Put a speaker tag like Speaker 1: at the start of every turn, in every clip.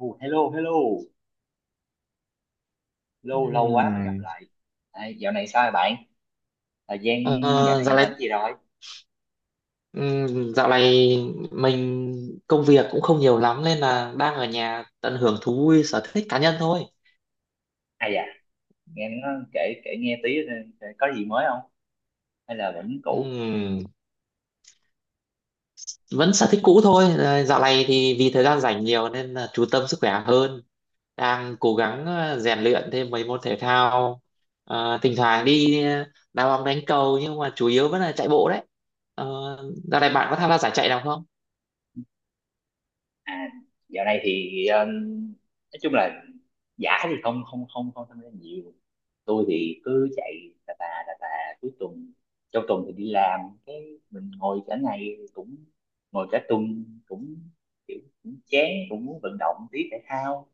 Speaker 1: Oh, hello, hello, lâu lâu quá mới gặp
Speaker 2: Ừm.
Speaker 1: lại. À, dạo này sao rồi bạn? Thời gian dạo
Speaker 2: Ờ, dạo
Speaker 1: này
Speaker 2: này
Speaker 1: làm gì rồi?
Speaker 2: dạo này mình công việc cũng không nhiều lắm nên là đang ở nhà tận hưởng thú vui sở thích cá nhân thôi.
Speaker 1: À dạ, nghe nó kể kể nghe tí, có gì mới không? Hay là vẫn cũ?
Speaker 2: Ừm, vẫn sở thích cũ thôi. Ờ, Dạo này thì vì thời gian rảnh nhiều nên là chú tâm sức khỏe hơn. Đang cố gắng rèn luyện thêm mấy môn thể thao. Thỉnh thoảng đi đá bóng đánh cầu, nhưng mà chủ yếu vẫn là chạy bộ đấy. Ờ, dạo này bạn có tham gia giải chạy nào không?
Speaker 1: À, dạo này thì nói chung là giả thì không không không không tham gia nhiều. Tôi thì cứ chạy tà tà tà tà cuối tuần, trong tuần thì đi làm, cái mình ngồi cả ngày cũng ngồi cả tuần cũng kiểu cũng chán, cũng muốn vận động tí thể thao.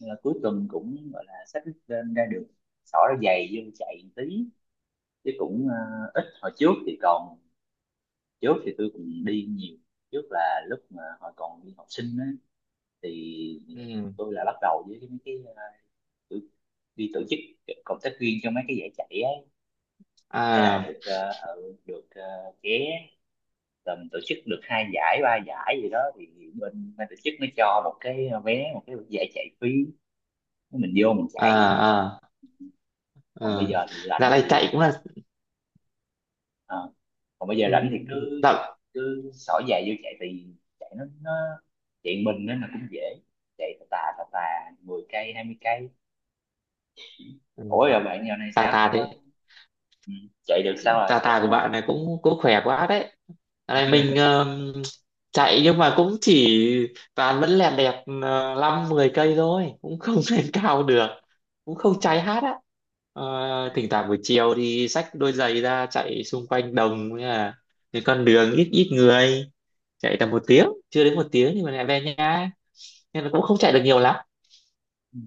Speaker 1: Nên là cuối tuần cũng gọi là xách lên ra đường, xỏ ra giày vô chạy một tí chứ cũng ít. Hồi trước thì còn trước thì tôi cũng đi nhiều, trước là lúc mà hồi còn đi học sinh á, thì
Speaker 2: Ừm.
Speaker 1: tôi là bắt đầu với mấy cái, tự- đi tổ chức cộng tác viên cho mấy cái giải chạy ấy, thế là
Speaker 2: À,
Speaker 1: được được vé, tầm tổ chức được hai giải ba giải gì đó thì bên ban tổ chức nó cho một cái, vé một cái giải chạy phí, mình vô mình
Speaker 2: à,
Speaker 1: chạy.
Speaker 2: à.
Speaker 1: Còn bây
Speaker 2: Ờ,
Speaker 1: giờ thì
Speaker 2: dạo
Speaker 1: rảnh
Speaker 2: này chạy
Speaker 1: thì.
Speaker 2: cũng là
Speaker 1: Ờ. Còn bây giờ rảnh thì
Speaker 2: ừ,
Speaker 1: cứ
Speaker 2: rộng.
Speaker 1: cứ xỏ giày vô chạy thì chạy nó chạy mình nên là cũng dễ, chạy tà tà tà tà 10 cây 20 cây.
Speaker 2: ừ,
Speaker 1: Ủa rồi bạn giờ này
Speaker 2: tà
Speaker 1: sao
Speaker 2: tà
Speaker 1: có,
Speaker 2: đấy.
Speaker 1: ừ, chạy được sao
Speaker 2: Tà
Speaker 1: à chạy
Speaker 2: tà
Speaker 1: ổn
Speaker 2: của
Speaker 1: không?
Speaker 2: bạn này cũng cũng khỏe quá đấy. Dạo này mình chạy nhưng mà cũng chỉ toàn vẫn lẹt đẹt 5 mười cây thôi, cũng không lên cao được, cũng không cháy hát á. Ờ, thỉnh thoảng buổi chiều thì xách đôi giày ra chạy xung quanh đồng, với là cái con đường ít ít người, chạy tầm một tiếng, chưa đến một tiếng, nhưng mà lại về nhà nên là cũng không chạy được nhiều lắm.
Speaker 1: Ừ.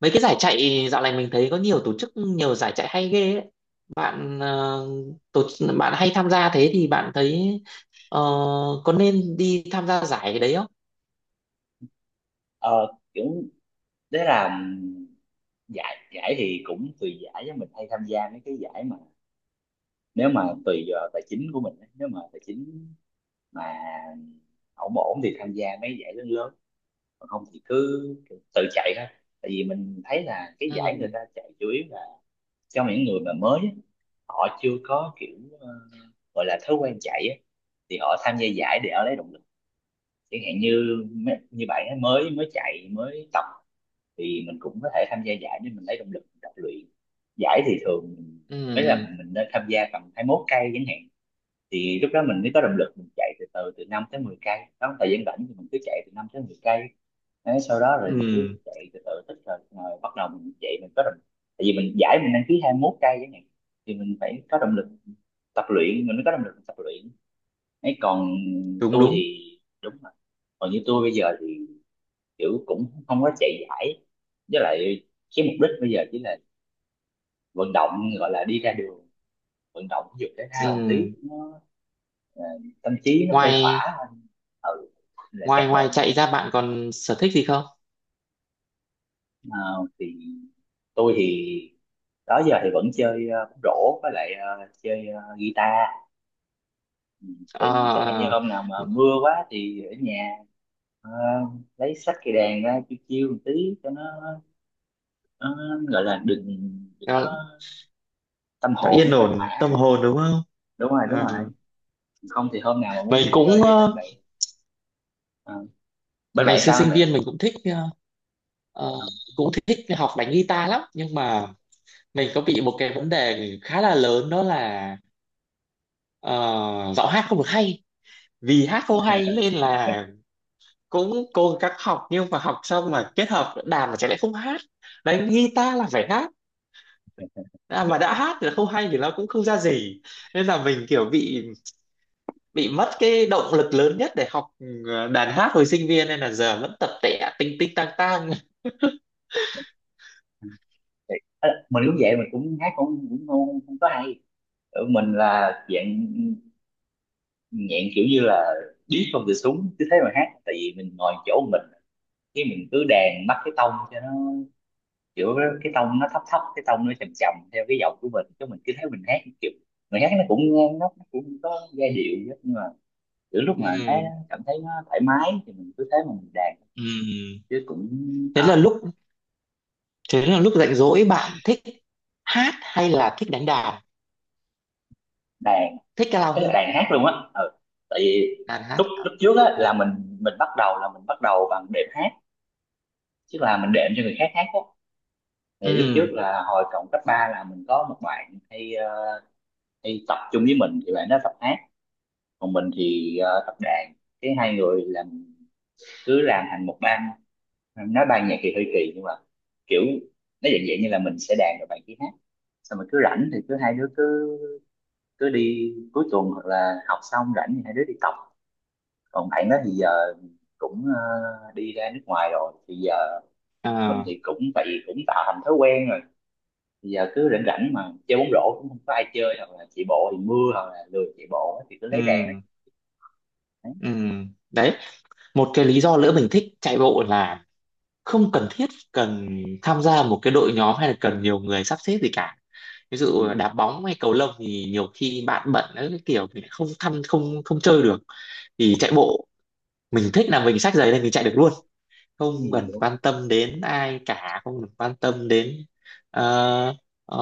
Speaker 2: Mấy cái giải chạy dạo này mình thấy có nhiều tổ chức, nhiều giải chạy hay ghê ấy. Bạn ờ, tổ bạn hay tham gia thế thì bạn thấy ờ, có nên đi tham gia giải cái đấy không?
Speaker 1: ờ kiểu đấy là giải giải thì cũng tùy giải, với mình hay tham gia mấy cái giải mà nếu mà tùy vào tài chính của mình á, nếu mà tài chính mà ổn ổn thì tham gia mấy giải lớn lớn, còn không thì cứ tự chạy thôi. Tại vì mình thấy là cái giải người
Speaker 2: Ừ,
Speaker 1: ta chạy chủ yếu là cho những người mà mới á, họ chưa có kiểu, ờ, gọi là thói quen chạy á, thì họ tham gia giải để họ lấy động lực, chẳng hạn như như bạn ấy mới mới chạy mới tập, thì mình cũng có thể tham gia giải để mình lấy động lực mình tập luyện. Giải thì thường mới là
Speaker 2: ừ,
Speaker 1: mình nên tham gia tầm 21 cây chẳng hạn, thì lúc đó mình mới có động lực mình chạy từ từ, từ 5 tới 10 cây đó, thời gian rảnh thì mình cứ chạy từ 5 tới 10 cây. Đấy, sau đó rồi
Speaker 2: ừ,
Speaker 1: mình
Speaker 2: ừ,
Speaker 1: cứ chạy từ từ tích rồi rồi bắt đầu mình chạy mình có động. Tại vì mình giải mình đăng ký 21 cây chẳng hạn thì mình phải có động lực tập luyện, mình mới có động lực tập luyện ấy. Còn
Speaker 2: đúng
Speaker 1: tôi
Speaker 2: đúng.
Speaker 1: thì, đúng rồi, còn như tôi bây giờ thì kiểu cũng không có chạy giải, với lại cái mục đích bây giờ chỉ là vận động, gọi là đi ra đường vận động thể dục thể thao một tí
Speaker 2: Ừ.
Speaker 1: nó, ờ, tâm trí nó khuây
Speaker 2: Ngoài
Speaker 1: khỏa hơn. Ừ là chắc
Speaker 2: ngoài
Speaker 1: là.
Speaker 2: ngoài chạy ra, bạn còn sở thích gì không?
Speaker 1: Ờ, thì tôi thì đó giờ thì vẫn chơi bóng rổ, với lại chơi guitar. Ừ,
Speaker 2: Ờ,
Speaker 1: thì chẳng hạn như
Speaker 2: ờ,
Speaker 1: hôm nào mà mưa quá thì ở nhà, ờ, lấy sách cây đàn ra chiêu chiêu một tí cho nó gọi là đừng đừng
Speaker 2: cho,
Speaker 1: có Tâm
Speaker 2: cho
Speaker 1: hồn
Speaker 2: yên
Speaker 1: nó phai
Speaker 2: ổn tâm
Speaker 1: phả.
Speaker 2: hồn, đúng không?
Speaker 1: Đúng rồi đúng rồi.
Speaker 2: Ờ.
Speaker 1: Không thì hôm nào mà muốn
Speaker 2: Mình
Speaker 1: chơi
Speaker 2: cũng
Speaker 1: với bạn bè, ờ, bên
Speaker 2: ngày
Speaker 1: bạn
Speaker 2: xưa
Speaker 1: sao anh
Speaker 2: sinh
Speaker 1: bạn.
Speaker 2: viên mình ờ,
Speaker 1: Ờ,
Speaker 2: cũng thích học đánh guitar lắm, nhưng mà mình có bị một cái vấn đề khá là lớn, đó là ờ, giọng hát không được hay. Vì hát không hay nên là cũng cố gắng học, nhưng mà học xong mà kết hợp đàn mà chẳng lẽ không hát. Đánh guitar là phải hát. À, mà đã hát thì không hay thì nó cũng không ra gì, nên là mình kiểu bị mất cái động lực lớn nhất để học đàn hát hồi sinh viên, nên là giờ vẫn tập tẻ tinh tinh tang tang
Speaker 1: mình cũng vậy, mình cũng hát cũng cũng không, không có hay. Ờ, mình là dạng nhẹn kiểu như là điếc không cửa súng cứ thế mà hát. Tại vì mình ngồi chỗ mình, cái mình cứ đàn bắt cái tông cho nó kiểu, cái tông nó thấp thấp, cái tông nó trầm trầm theo cái giọng của mình, chứ mình cứ thấy mình hát kiểu người hát nó cũng ngang, nó cũng có giai điệu chứ, nhưng mà kiểu lúc mà
Speaker 2: ừ.
Speaker 1: cảm thấy nó thoải mái thì mình cứ thế mà mình đàn
Speaker 2: Ừ.
Speaker 1: chứ cũng,
Speaker 2: thế
Speaker 1: à,
Speaker 2: là lúc thế là lúc rảnh rỗi bạn thích hát hay là thích đánh đàn,
Speaker 1: đàn
Speaker 2: thích cái lao
Speaker 1: cái là
Speaker 2: hơn?
Speaker 1: đàn hát luôn á. Ừ. Tại vì
Speaker 2: Đàn hát.
Speaker 1: lúc lúc trước á
Speaker 2: À,
Speaker 1: là mình bắt đầu là mình bắt đầu bằng đệm hát, chứ là mình đệm cho người khác hát á, thì lúc trước
Speaker 2: ừ,
Speaker 1: là hồi cộng cấp 3 là mình có một bạn hay, hay tập chung với mình, thì bạn đó tập hát còn mình thì tập đàn, cái hai người làm, cứ làm thành một ban, nói ban nhạc thì hơi kỳ nhưng mà kiểu nó dạng dạng như là mình sẽ đàn rồi bạn kia hát, xong rồi cứ rảnh thì cứ hai đứa cứ cứ đi cuối tuần hoặc là học xong rảnh thì hai đứa đi tập. Còn bạn đó thì giờ cũng đi ra nước ngoài rồi thì giờ mình
Speaker 2: à,
Speaker 1: thì cũng tại vì cũng tạo thành thói quen rồi. Bây giờ cứ rảnh rảnh mà chơi bóng rổ cũng không có ai chơi hoặc là chạy bộ thì mưa hoặc là lười chạy bộ á, thì cứ lấy đèn.
Speaker 2: ừ,
Speaker 1: Đấy.
Speaker 2: ừ. Đấy, một cái lý do nữa mình thích chạy bộ là không cần thiết cần tham gia một cái đội nhóm hay là cần nhiều người sắp xếp gì cả. Ví
Speaker 1: Ừ,
Speaker 2: dụ đá bóng hay cầu lông thì nhiều khi bạn bận ấy, cái kiểu mình không thăm không không chơi được. Thì chạy bộ, mình thích là mình xách giày lên mình chạy được luôn, không
Speaker 1: ừ,
Speaker 2: cần
Speaker 1: đúng
Speaker 2: quan tâm đến ai cả, không cần quan tâm đến ờ, ờ,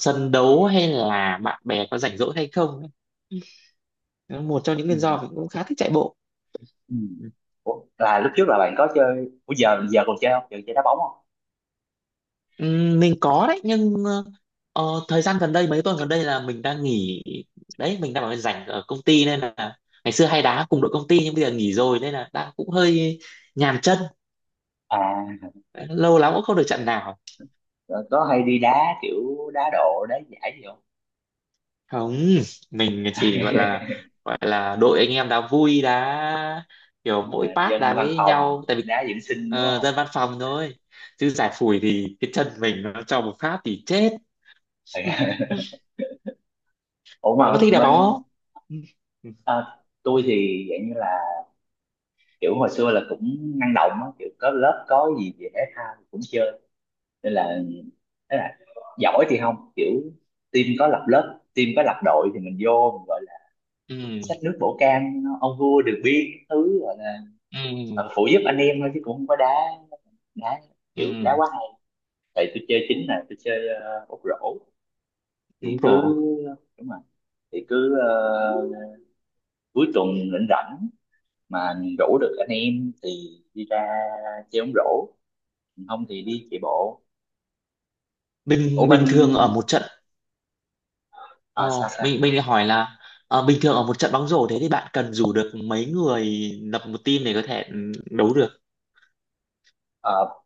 Speaker 2: sân đấu hay là bạn bè có rảnh rỗi hay không ấy. Đó là một trong những
Speaker 1: ừ,
Speaker 2: nguyên do mình cũng khá thích chạy bộ.
Speaker 1: ừ. Ủa, là lúc trước là bạn có chơi. Ủa giờ giờ còn chơi không, giờ chơi đá bóng không?
Speaker 2: Mình có đấy, nhưng ờ, thời gian gần đây, mấy tuần gần đây là mình đang nghỉ đấy, mình đang ở rảnh ở công ty nên là ngày xưa hay đá cùng đội công ty, nhưng bây giờ nghỉ rồi nên là đang cũng hơi nhàm chân,
Speaker 1: À
Speaker 2: lâu lắm cũng không được trận nào.
Speaker 1: rồi có hay đi đá kiểu đá độ đá giải gì không?
Speaker 2: Không, mình chỉ gọi là đội anh em đã vui đã, kiểu
Speaker 1: À,
Speaker 2: mỗi part
Speaker 1: dân
Speaker 2: đá
Speaker 1: văn
Speaker 2: với nhau.
Speaker 1: phòng
Speaker 2: Tại vì
Speaker 1: đá dưỡng sinh đúng không?
Speaker 2: dân văn phòng thôi, chứ giải phủi thì cái chân mình nó cho một phát thì chết
Speaker 1: Ừ. Ủa
Speaker 2: bạn có
Speaker 1: mà
Speaker 2: thích đá bóng
Speaker 1: bên,
Speaker 2: không?
Speaker 1: à, tôi thì dạng như là kiểu hồi xưa là cũng năng động á, kiểu có lớp có gì về thể thao cũng chơi, nên là thế là giỏi thì không kiểu team có lập lớp, team có lập đội thì mình vô mình gọi là
Speaker 2: Ừ,
Speaker 1: xách nước bổ can ông vua đường biên các thứ, gọi là
Speaker 2: ừ, ừ,
Speaker 1: phụ giúp anh em thôi chứ cũng không có đá đá kiểu đá
Speaker 2: ừ,
Speaker 1: quá hay. Tại tôi chơi chính là tôi chơi, ốc rổ,
Speaker 2: đúng
Speaker 1: thì cứ,
Speaker 2: rồi.
Speaker 1: đúng rồi, thì cứ, cuối tuần rảnh rảnh mà rủ được anh em thì đi ra chơi bóng rổ không thì đi chạy bộ. Ủa
Speaker 2: bình
Speaker 1: bên,
Speaker 2: bình thường ở một trận. ờ,
Speaker 1: à, sao sao.
Speaker 2: mình mình lại hỏi là bình thường ở một trận bóng rổ thế thì bạn cần rủ được mấy người lập một team để có thể đấu được?
Speaker 1: Ờ,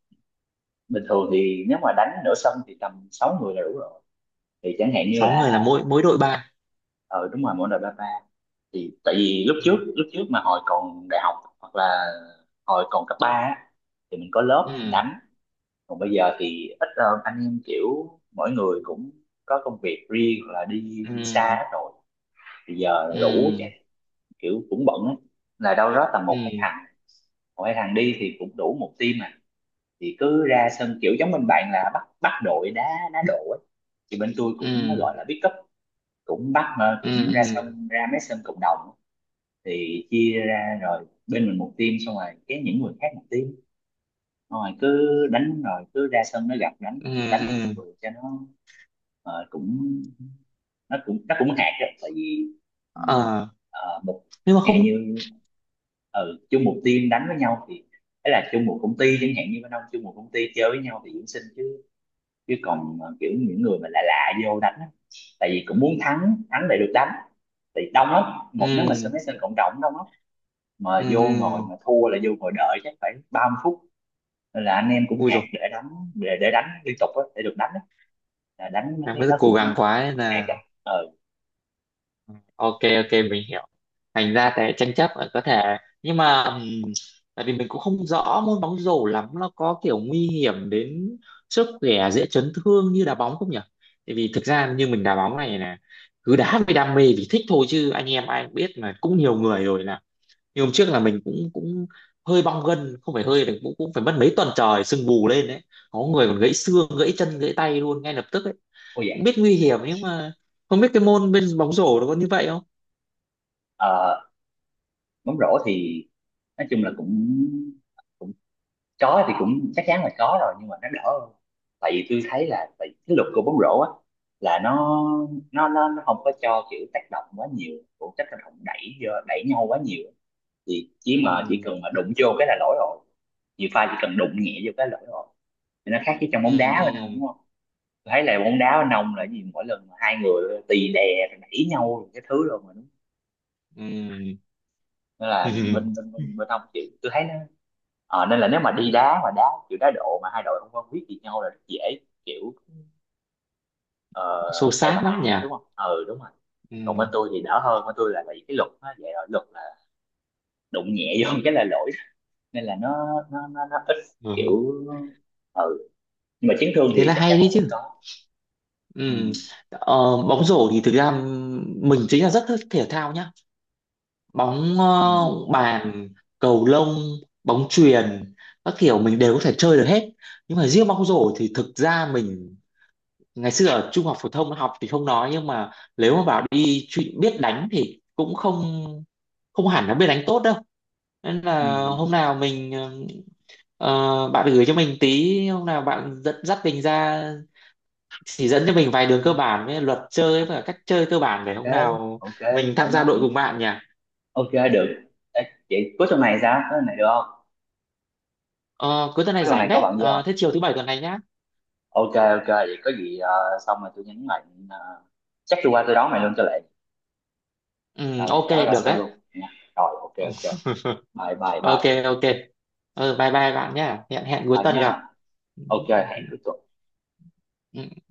Speaker 1: bình thường thì nếu mà đánh nửa sân thì tầm 6 người là đủ rồi, thì chẳng hạn như
Speaker 2: 6 người là
Speaker 1: là,
Speaker 2: mỗi mỗi đội ba.
Speaker 1: ờ đúng rồi, mỗi đội ba ba. Thì tại vì lúc trước mà hồi còn đại học hoặc là hồi còn cấp ba á, thì mình có lớp mình
Speaker 2: Ừ,
Speaker 1: đánh. Còn bây giờ thì ít hơn, anh em kiểu mỗi người cũng có công việc riêng hoặc là đi, đi xa
Speaker 2: ừ,
Speaker 1: hết rồi, bây giờ rủ chắc
Speaker 2: ừ,
Speaker 1: kiểu cũng bận á, là đâu đó tầm một
Speaker 2: ừ,
Speaker 1: hai thằng, một hai thằng đi thì cũng đủ một team mà, thì cứ ra sân kiểu giống bên bạn là bắt bắt đội đá, đá độ á, thì bên tôi
Speaker 2: ừ,
Speaker 1: cũng gọi là pick up, cũng bắt mà
Speaker 2: ừ,
Speaker 1: cũng ra
Speaker 2: ừ,
Speaker 1: sân, ra mấy sân cộng đồng, thì chia ra rồi bên mình một team xong rồi cái những người khác một team, xong rồi cứ đánh rồi cứ ra sân nó gặp đánh,
Speaker 2: ừ,
Speaker 1: đánh với
Speaker 2: ừ.
Speaker 1: mọi người cho nó, cũng nó cũng nó cũng hạt đó. Tại vì mình,
Speaker 2: Ờ,
Speaker 1: ờ, một
Speaker 2: nhưng mà
Speaker 1: chẳng hạn
Speaker 2: không.
Speaker 1: như chung một team đánh với nhau thì ấy là chung một công ty, chẳng hạn như bên ông chung một công ty chơi với nhau thì dưỡng sinh chứ. Chứ còn kiểu những người mà lạ lạ vô đánh á, tại vì cũng muốn thắng thắng để được đánh thì đông lắm. Một nếu mà sân
Speaker 2: Ừ,
Speaker 1: mấy sân cộng đồng đông lắm,
Speaker 2: ừ,
Speaker 1: mà vô ngồi
Speaker 2: ừ.
Speaker 1: mà thua là vô ngồi đợi chắc phải 30 phút. Nên là anh em cũng
Speaker 2: Ui
Speaker 1: hẹn
Speaker 2: rồi,
Speaker 1: để đánh, để đánh liên tục á, để được đánh á, là đánh mấy
Speaker 2: em
Speaker 1: cái
Speaker 2: rất
Speaker 1: đó
Speaker 2: cố gắng
Speaker 1: cũng
Speaker 2: quá nên
Speaker 1: hẹn.
Speaker 2: là
Speaker 1: Ờ.
Speaker 2: ok, ok, mình hiểu. Thành ra cái tranh chấp là có thể, nhưng mà tại vì mình cũng không rõ môn bóng rổ lắm, nó có kiểu nguy hiểm đến sức khỏe, dễ chấn thương như đá bóng không nhỉ? Tại vì thực ra như mình đá bóng này là cứ đá vì đam mê vì thích thôi, chứ anh em ai cũng biết mà, cũng nhiều người rồi, là như hôm trước là mình cũng cũng hơi bong gân, không phải hơi, cũng cũng phải mất mấy tuần trời sưng vù lên đấy. Có người còn gãy xương, gãy chân, gãy tay luôn ngay lập tức ấy.
Speaker 1: Ôi dạ.
Speaker 2: Cũng biết nguy hiểm nhưng mà không biết cái môn bên bóng rổ nó có như vậy không.
Speaker 1: Ờ, bóng rổ thì nói chung là cũng có thì cũng chắc chắn là có rồi nhưng mà nó đỡ hơn. Tại vì tôi thấy là tại vì cái luật của bóng rổ á, là nó nó không có cho kiểu tác động quá nhiều, cũng tác động đẩy vô đẩy nhau quá nhiều, thì chỉ mà chỉ
Speaker 2: Ừ,
Speaker 1: cần mà đụng vô cái là lỗi rồi, nhiều pha chỉ cần đụng nhẹ vô cái là lỗi rồi, thì nó khác với trong
Speaker 2: ừ,
Speaker 1: bóng đá bên ông
Speaker 2: ừ,
Speaker 1: đúng không. Tôi thấy là bóng đá bên ông là gì mỗi lần hai người tì đè rồi đẩy nhau rồi cái thứ rồi mà đúng,
Speaker 2: ừ
Speaker 1: nên là
Speaker 2: ừ.
Speaker 1: bên ông chịu, tôi thấy nó. Ờ, nên là nếu mà đi đá mà đá kiểu đá độ mà hai đội không quen biết gì nhau là rất dễ kiểu, ờ,
Speaker 2: Xô
Speaker 1: cãi vã
Speaker 2: xát lắm nhỉ.
Speaker 1: đúng không? Ừ đúng rồi. Còn bên
Speaker 2: Ừ,
Speaker 1: tôi thì đỡ hơn, bên tôi là vì cái luật nó vậy rồi, luật là đụng nhẹ vô cái là lỗi, nên là nó ít
Speaker 2: ừ,
Speaker 1: kiểu ừ nhưng mà chấn thương
Speaker 2: thế
Speaker 1: thì
Speaker 2: là
Speaker 1: chắc chắn
Speaker 2: hay đấy
Speaker 1: là vẫn
Speaker 2: chứ.
Speaker 1: có. Ừ
Speaker 2: Ừ, ờ, bóng rổ thì thực ra mình chính là rất thích thể thao nhá. Bóng
Speaker 1: ừ
Speaker 2: bàn, cầu lông, bóng chuyền, các kiểu mình đều có thể chơi được hết. Nhưng mà riêng bóng rổ thì thực ra mình ngày xưa ở trung học phổ thông học thì không nói, nhưng mà nếu mà bảo đi chuyện biết đánh thì cũng không không hẳn là biết đánh tốt đâu. Nên
Speaker 1: ừ
Speaker 2: là hôm nào mình ờ, bạn gửi cho mình tí, hôm nào bạn dẫn dắt mình ra chỉ dẫn cho mình vài đường cơ bản với luật chơi và cách chơi cơ bản, để
Speaker 1: ok
Speaker 2: hôm nào
Speaker 1: ok
Speaker 2: mình
Speaker 1: thoải
Speaker 2: tham gia
Speaker 1: mái,
Speaker 2: đội cùng bạn nhỉ?
Speaker 1: ok được. Ê, vậy cuối tuần này sao? Cuối tuần này được không?
Speaker 2: Ờ, cuối tuần
Speaker 1: Cuối
Speaker 2: này
Speaker 1: tuần
Speaker 2: rảnh
Speaker 1: này có
Speaker 2: đấy.
Speaker 1: bạn gì
Speaker 2: Ờ,
Speaker 1: không?
Speaker 2: thế chiều thứ bảy tuần này nhá.
Speaker 1: Ok ok vậy có gì, xong rồi tôi nhắn lại, ờ, chắc tôi qua tôi đón mày luôn cho lẹ,
Speaker 2: Ừ,
Speaker 1: rồi
Speaker 2: ok,
Speaker 1: chở ra
Speaker 2: được
Speaker 1: sân
Speaker 2: đấy.
Speaker 1: luôn nha, rồi ok
Speaker 2: Ừ,
Speaker 1: ok, bye bye
Speaker 2: ok,
Speaker 1: bye,
Speaker 2: ok. Ừ, bye bye bạn nhá. Hẹn hẹn cuối
Speaker 1: bye
Speaker 2: tuần
Speaker 1: nhá,
Speaker 2: gặp. Ừ,
Speaker 1: ok
Speaker 2: ừ,
Speaker 1: hẹn cuối tuần.
Speaker 2: ừ.